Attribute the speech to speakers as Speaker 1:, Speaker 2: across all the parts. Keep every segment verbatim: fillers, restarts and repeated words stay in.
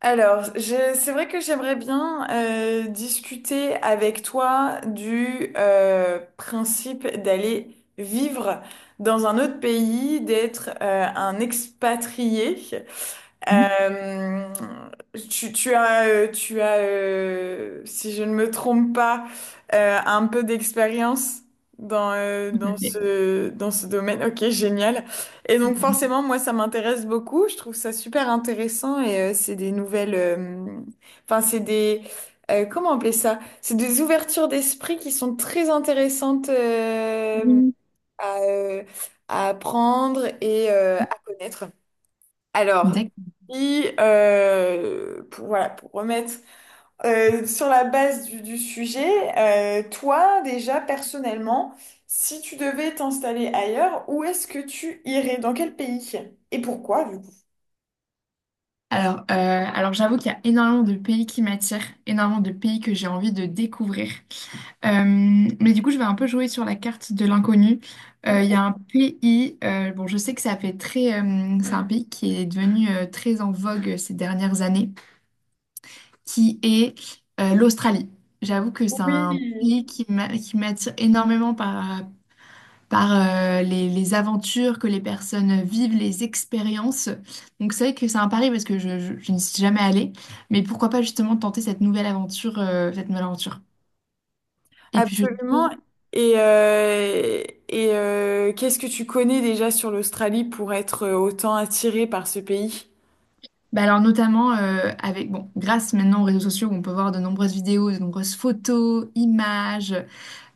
Speaker 1: Alors, je- c'est vrai que j'aimerais bien euh, discuter avec toi du euh, principe d'aller vivre dans un autre pays, d'être euh, un expatrié.
Speaker 2: Mmh.
Speaker 1: Euh, tu, tu as, euh, tu as euh, Si je ne me trompe pas, euh, un peu d'expérience dans, euh,
Speaker 2: Tout à
Speaker 1: dans
Speaker 2: fait.
Speaker 1: ce, dans ce domaine. Ok, génial. Et donc forcément, moi, ça m'intéresse beaucoup. Je trouve ça super intéressant et euh, c'est des nouvelles... euh, Enfin, c'est des... euh, comment appeler ça? C'est des ouvertures d'esprit qui sont très intéressantes euh,
Speaker 2: Mmh.
Speaker 1: à, euh, à apprendre et euh, à connaître. Alors,
Speaker 2: D'accord.
Speaker 1: et euh, pour, voilà, pour remettre euh, sur la base du, du sujet, euh, toi déjà personnellement, si tu devais t'installer ailleurs, où est-ce que tu irais? Dans quel pays? Et pourquoi du coup?
Speaker 2: Alors, euh, alors j'avoue qu'il y a énormément de pays qui m'attirent, énormément de pays que j'ai envie de découvrir. Euh, mais du coup, je vais un peu jouer sur la carte de l'inconnu. Euh, Il y a un pays, euh, bon, je sais que ça fait très, euh, c'est un pays qui est devenu euh, très en vogue ces dernières années, qui est euh, l'Australie. J'avoue que c'est
Speaker 1: Oui,
Speaker 2: un pays qui m'a- qui m'attire énormément par, par euh, les, les aventures que les personnes vivent, les expériences. Donc c'est vrai que c'est un pari parce que je, je- je n'y suis jamais allée, mais pourquoi pas justement tenter cette nouvelle aventure, euh, cette nouvelle aventure. Et puis je
Speaker 1: absolument.
Speaker 2: trouve,
Speaker 1: Et, euh, et euh, qu'est-ce que tu connais déjà sur l'Australie pour être autant attiré par ce pays?
Speaker 2: bah alors notamment euh, avec, bon, grâce maintenant aux réseaux sociaux, on peut voir de nombreuses vidéos, de nombreuses photos, images.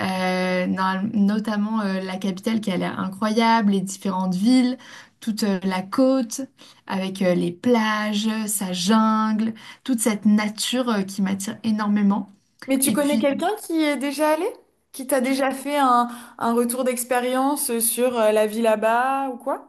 Speaker 2: Euh, normal- notamment euh, la capitale qui a l'air incroyable, les différentes villes, toute euh, la côte, avec euh, les plages, sa jungle, toute cette nature euh, qui m'attire énormément.
Speaker 1: Mais tu
Speaker 2: Et
Speaker 1: connais
Speaker 2: puis, euh,
Speaker 1: quelqu'un qui y est déjà allé? Qui t'a déjà fait un, un retour d'expérience euh, sur euh, la vie là-bas ou quoi?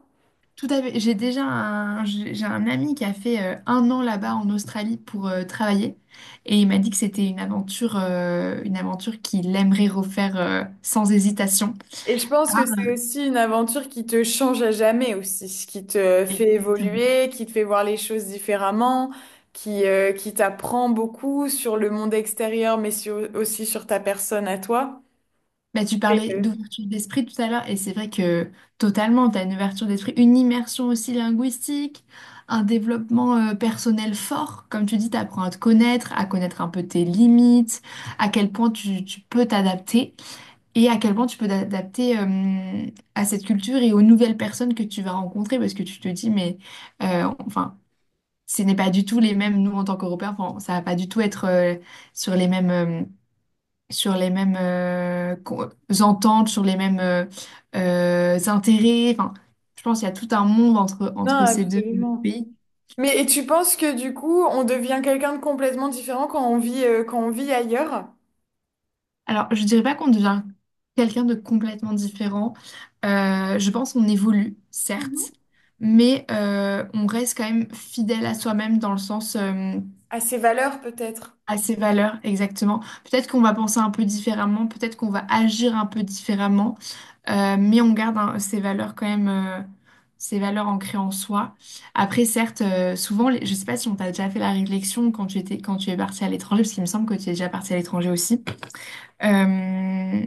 Speaker 2: tout à fait- j'ai déjà un, j'ai j'ai un ami qui a fait euh, un an là-bas en Australie pour euh, travailler, et il m'a dit que c'était une aventure, euh, une aventure qu'il aimerait refaire euh, sans hésitation.
Speaker 1: Et je pense que c'est aussi une aventure qui te change à jamais aussi, qui te fait
Speaker 2: Exactement.
Speaker 1: évoluer, qui te fait voir les choses différemment, qui, euh, qui t'apprend beaucoup sur le monde extérieur, mais sur- aussi sur ta personne à toi.
Speaker 2: Bah, tu
Speaker 1: Et,
Speaker 2: parlais
Speaker 1: euh,
Speaker 2: d'ouverture d'esprit tout à l'heure, et c'est vrai que totalement, tu as une ouverture d'esprit, une immersion aussi linguistique, un développement euh, personnel fort. Comme tu dis, tu apprends à te connaître, à connaître un peu tes limites, à quel point tu, tu peux t'adapter, et à quel point tu peux t'adapter euh, à cette culture et aux nouvelles personnes que tu vas rencontrer, parce que tu te dis, mais euh, enfin, ce n'est pas du tout les mêmes, nous en tant qu'Européens, enfin, ça va pas du tout être euh, sur les mêmes, euh, sur les mêmes euh, co- ententes, sur les mêmes euh, euh, intérêts. Enfin, je pense qu'il y a tout un monde entre,
Speaker 1: non,
Speaker 2: entre ces deux
Speaker 1: absolument.
Speaker 2: pays.
Speaker 1: Mais et tu penses que du coup, on devient quelqu'un de complètement différent quand on vit, euh, quand on vit ailleurs?
Speaker 2: Alors, je dirais pas qu'on devient quelqu'un de complètement différent. Euh, je pense qu'on évolue,
Speaker 1: Mhm.
Speaker 2: certes, mais euh, on reste quand même fidèle à soi-même dans le sens... euh,
Speaker 1: À ses valeurs peut-être?
Speaker 2: à ses valeurs, exactement. Peut-être qu'on va penser un peu différemment, peut-être qu'on va agir un peu différemment, euh, mais on garde hein, ses valeurs quand même, euh, ses valeurs ancrées en soi. Après, certes, euh, souvent, les- je sais pas si on t'a déjà fait la réflexion quand tu étais, quand tu es parti à l'étranger, parce qu'il me semble que tu es déjà parti à l'étranger aussi. Euh,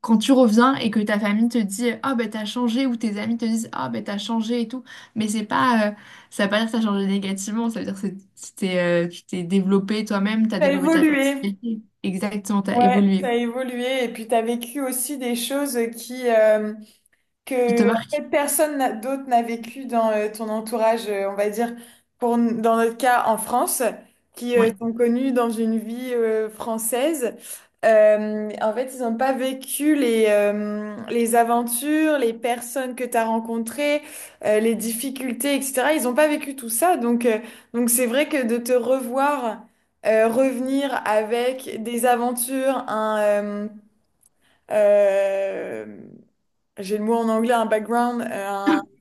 Speaker 2: Quand tu reviens et que ta famille te dit ah ben t'as changé ou tes amis te disent ah ben t'as changé et tout, mais c'est pas euh, ça veut pas dire que t'as changé négativement, ça veut dire que c'est- tu t'es euh, tu t'es développé toi-même, t'as
Speaker 1: T'as
Speaker 2: développé ta
Speaker 1: évolué.
Speaker 2: personnalité, exactement, t'as
Speaker 1: Ouais,
Speaker 2: évolué
Speaker 1: t'as évolué et puis t'as vécu aussi des choses qui, euh,
Speaker 2: qui te
Speaker 1: que en fait,
Speaker 2: marque,
Speaker 1: personne n'a- d'autre n'a vécu dans euh, ton entourage, euh, on va dire, pour, n- dans notre cas en France, qui euh,
Speaker 2: ouais.
Speaker 1: sont connus dans une vie euh, française. Euh, en fait, ils n'ont pas vécu les, euh, les aventures, les personnes que tu as rencontrées, euh, les difficultés, et cetera. Ils n'ont pas vécu tout ça. Donc, euh, donc c'est vrai que de te revoir, euh, revenir avec des aventures, un, euh, euh, j'ai le mot en anglais, un background, euh,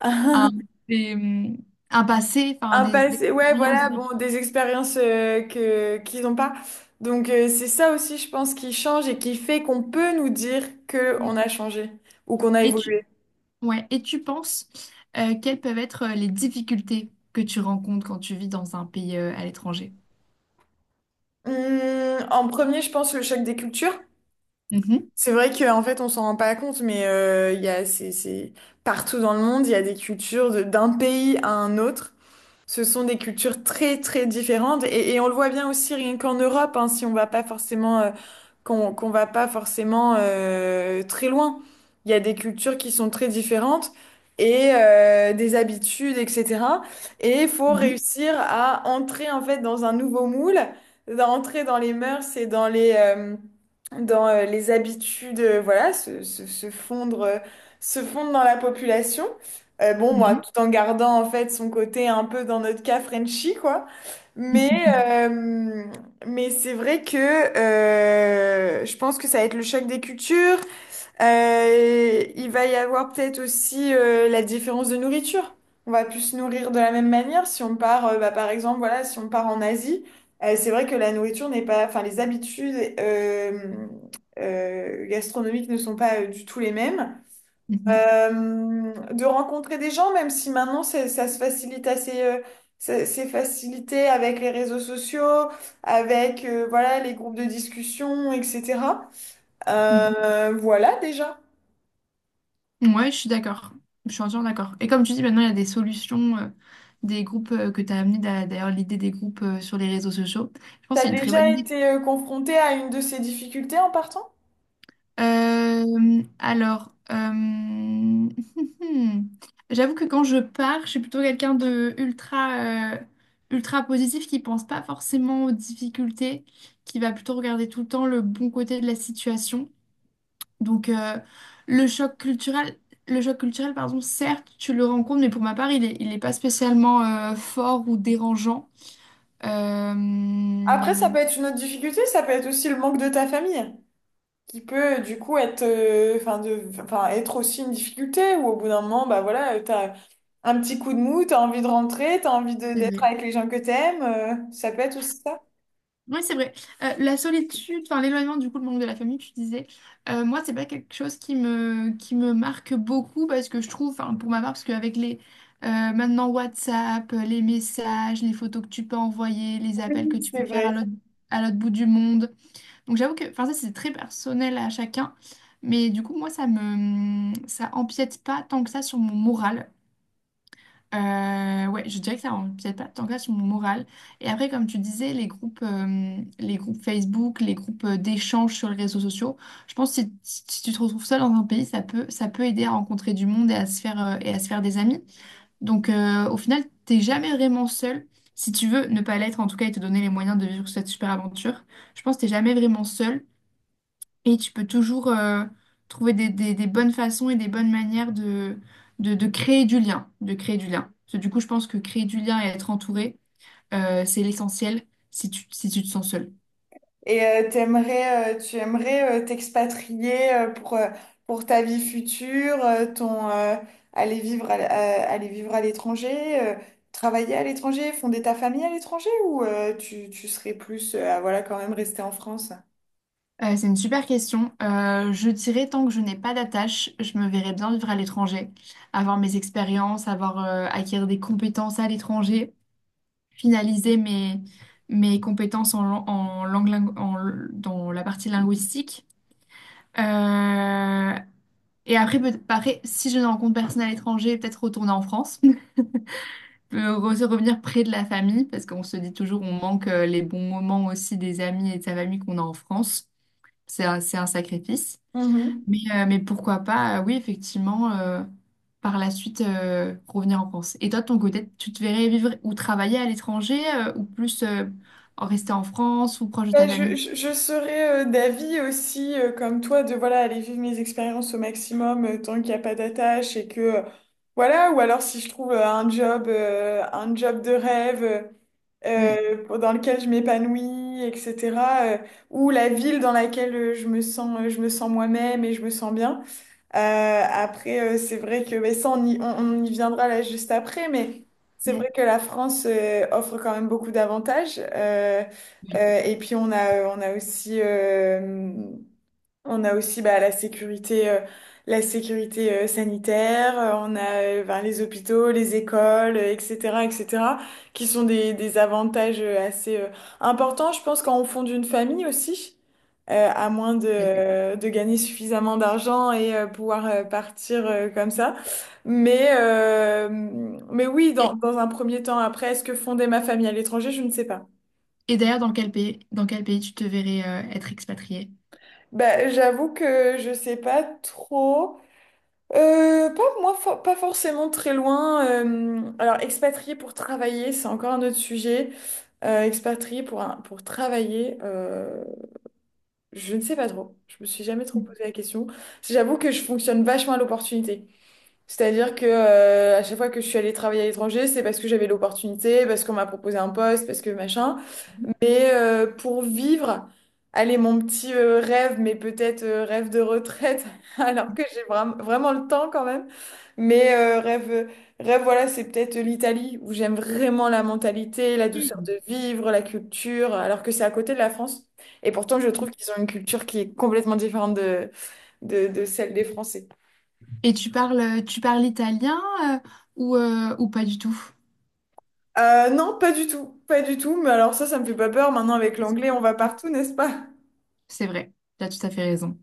Speaker 1: un,
Speaker 2: Un, des, hum, un passé, enfin
Speaker 1: un
Speaker 2: des, des
Speaker 1: passé, ouais,
Speaker 2: expériences
Speaker 1: voilà,
Speaker 2: vécues.
Speaker 1: bon, des expériences euh, que qu'ils n'ont pas. Donc euh, c'est ça aussi, je pense, qui change et qui fait qu'on peut nous dire que on a changé ou qu'on a
Speaker 2: Et tu
Speaker 1: évolué.
Speaker 2: ouais et tu penses euh, quelles peuvent être euh, les difficultés que tu rencontres quand tu vis dans un pays euh, à l'étranger?
Speaker 1: Hum, en premier, je pense le choc des cultures.
Speaker 2: Mhm,
Speaker 1: C'est vrai qu'en fait, on s'en rend pas compte, mais euh, il y a, c'est, c'est partout dans le monde, il y a des cultures de- d'un pays à un autre. Ce sont des cultures très très différentes et, et on le voit bien aussi rien qu'en Europe, hein, si on va pas forcément euh, qu'on qu'on va pas forcément euh, très loin. Il y a des cultures qui sont très différentes et euh, des habitudes, et cetera. Et il faut
Speaker 2: mhm,
Speaker 1: réussir à entrer en fait dans un nouveau moule, d'entrer dans les mœurs et dans les euh, dans euh, les habitudes, euh, voilà, se, se, se fondre euh, se fondre dans la population. Euh, bon,
Speaker 2: mhm.
Speaker 1: moi,
Speaker 2: Mhm.
Speaker 1: tout en gardant en fait son côté un peu dans notre cas Frenchy, quoi. Mais, euh, mais c'est vrai que euh, je pense que ça va être le choc des cultures. Euh, il va y avoir peut-être aussi euh, la différence de nourriture. On va plus se nourrir de la même manière si on part, euh, bah, par exemple, voilà, si on part en Asie. Euh, c'est vrai que la nourriture n'est pas, enfin, les habitudes euh, euh, gastronomiques ne sont pas euh, du tout les mêmes.
Speaker 2: Mhm,
Speaker 1: Euh, de rencontrer des gens, même si maintenant c'est- ça se facilite assez, euh, c'est c'est facilité avec les réseaux sociaux, avec euh, voilà les groupes de discussion, et cetera. Euh, voilà déjà.
Speaker 2: mhm. Ouais, je suis d'accord. Je suis entièrement d'accord. Et comme tu dis, maintenant, il y a des solutions, euh, des groupes euh, que tu as amené d'a- d'ailleurs l'idée des groupes euh, sur les réseaux sociaux. Je pense que
Speaker 1: T'as
Speaker 2: c'est une très
Speaker 1: déjà
Speaker 2: bonne idée.
Speaker 1: été euh, confronté à une de ces difficultés en partant?
Speaker 2: Euh, alors, euh, j'avoue que quand je pars, je suis plutôt quelqu'un de ultra, euh, ultra positif, qui pense pas forcément aux difficultés, qui va plutôt regarder tout le temps le bon côté de la situation. Donc euh, le choc culturel, le choc culturel, pardon, certes, tu le rencontres, mais pour ma part, il est, il est pas spécialement euh, fort ou dérangeant.
Speaker 1: Après, ça
Speaker 2: Euh,
Speaker 1: peut être une autre difficulté, ça peut être aussi le manque de ta famille, qui peut du coup être euh, enfin de enfin être aussi une difficulté où au bout d'un moment bah voilà euh, t'as un petit coup de mou, t'as envie de rentrer, t'as envie de
Speaker 2: C'est
Speaker 1: d'être
Speaker 2: vrai.
Speaker 1: avec les gens que t'aimes, euh, ça peut être aussi ça.
Speaker 2: Oui, c'est vrai. Euh, la solitude, enfin l'éloignement du coup, le manque de la famille, tu disais, euh, moi, c'est pas quelque chose qui me, qui me marque beaucoup parce que je trouve, enfin pour ma part, parce qu'avec les euh, maintenant WhatsApp, les messages, les photos que tu peux envoyer, les appels que
Speaker 1: Oui,
Speaker 2: tu peux
Speaker 1: c'est
Speaker 2: faire à l'autre
Speaker 1: vrai.
Speaker 2: à l'autre bout du monde. Donc j'avoue que enfin ça c'est très personnel à chacun, mais du coup moi ça me ça empiète pas tant que ça sur mon moral. Euh, ouais, je dirais que ça empiète pas tant que ça sur mon moral. Et après comme tu disais les groupes euh, les groupes Facebook, les groupes euh, d'échange sur les réseaux sociaux, je pense que si, si si tu te retrouves seul dans un pays, ça peut ça peut aider à rencontrer du monde et à se faire euh, et à se faire des amis. Donc euh, au final, t'es jamais vraiment seul. Si tu veux ne pas l'être en tout cas et te donner les moyens de vivre cette super aventure, je pense que t'es jamais vraiment seul. Et tu peux toujours euh, trouver des, des- des bonnes façons et des bonnes manières de, de, de créer du lien, de créer du lien. Parce que du coup, je pense que créer du lien et être entouré, euh, c'est l'essentiel si tu, si tu te sens seul.
Speaker 1: Et euh, t'aimerais euh, tu aimerais euh, t'expatrier euh, pour euh, pour ta vie future? Euh, ton euh, Aller vivre à, l- à- aller vivre à l'étranger, euh, travailler à l'étranger, fonder ta famille à l'étranger? Ou euh, tu tu serais plus euh, à, voilà, quand même rester en France?
Speaker 2: Euh, c'est une super question. Euh, je dirais tant que je n'ai pas d'attache, je me verrais bien vivre à l'étranger, avoir mes expériences, avoir euh, acquérir des compétences à l'étranger, finaliser mes, mes compétences en, lan- en langue, lin- en- dans la partie linguistique. Euh, Et après, peut-être pareil, si je ne rencontre personne à l'étranger, peut-être retourner en France. Euh, re- se revenir près de la famille, parce qu'on se dit toujours on manque euh, les bons moments aussi des amis et de sa famille qu'on a en France. C'est un, c'est un sacrifice. Mais, euh, mais pourquoi pas, euh, oui, effectivement, euh, par la suite, euh, revenir en France. Et toi, de ton côté, tu te verrais vivre ou travailler à l'étranger, euh, ou plus euh, en rester en France ou proche de
Speaker 1: Bah,
Speaker 2: ta
Speaker 1: je,
Speaker 2: famille?
Speaker 1: je, je serais euh, d'avis aussi, euh, comme toi, de voilà, aller vivre mes expériences au maximum euh, tant qu'il n'y a pas d'attache et que euh, voilà, ou alors si je trouve euh, un job, euh, un job de rêve
Speaker 2: Mm,
Speaker 1: euh, pour- dans lequel je m'épanouis, et cetera euh, ou la ville dans laquelle euh, je me sens, euh, je me sens moi-même et je me sens bien. Euh, après, euh, c'est vrai que, mais ça, on y, on, on y viendra là juste après, mais c'est
Speaker 2: mm,
Speaker 1: vrai que la France euh, offre quand même beaucoup d'avantages. Euh,
Speaker 2: oui,
Speaker 1: euh, et puis, on a, euh, on a aussi, euh, on a aussi bah la sécurité, euh, la sécurité euh, sanitaire, euh, on a euh, ben, les hôpitaux, les écoles, euh, et cetera, et cetera, qui sont des, des avantages euh, assez euh, importants, je pense, quand on fonde une famille aussi, euh, à moins de,
Speaker 2: tout à fait.
Speaker 1: euh, de gagner suffisamment d'argent et euh, pouvoir euh, partir euh, comme ça. Mais, euh, mais oui, dans,
Speaker 2: Et,
Speaker 1: dans un premier temps, après, est-ce que fonder ma famille à l'étranger, je ne sais pas.
Speaker 2: et d'ailleurs, dans quel pays, dans quel pays tu te verrais euh, être expatrié?
Speaker 1: Bah, j'avoue que je sais pas trop. Euh, pas, moi, fo- pas forcément très loin. Euh, alors, expatrié pour travailler, c'est encore un autre sujet. Euh, expatrié pour, un- pour travailler, euh, je ne sais pas trop. Je me suis jamais trop posé la question. J'avoue que je fonctionne vachement à l'opportunité. C'est-à-dire que euh, à chaque fois que je suis allée travailler à l'étranger, c'est parce que j'avais l'opportunité, parce qu'on m'a proposé un poste, parce que machin. Mais euh, pour vivre, allez, mon petit euh, rêve, mais peut-être euh, rêve de retraite, alors que j'ai vra- vraiment le temps quand même. Mais euh, rêve, rêve, voilà, c'est peut-être l'Italie, où j'aime vraiment la mentalité, la
Speaker 2: Et
Speaker 1: douceur de vivre, la culture, alors que c'est à côté de la France. Et pourtant, je trouve qu'ils ont une culture qui est complètement différente de, de, de celle des Français.
Speaker 2: tu parles, tu parles italien euh, ou, euh, ou pas du tout?
Speaker 1: Euh, non, pas du tout, pas du tout. Mais alors ça, ça me fait pas peur. Maintenant, avec l'anglais, on va partout, n'est-ce pas?
Speaker 2: C'est vrai, tu as tout à fait raison.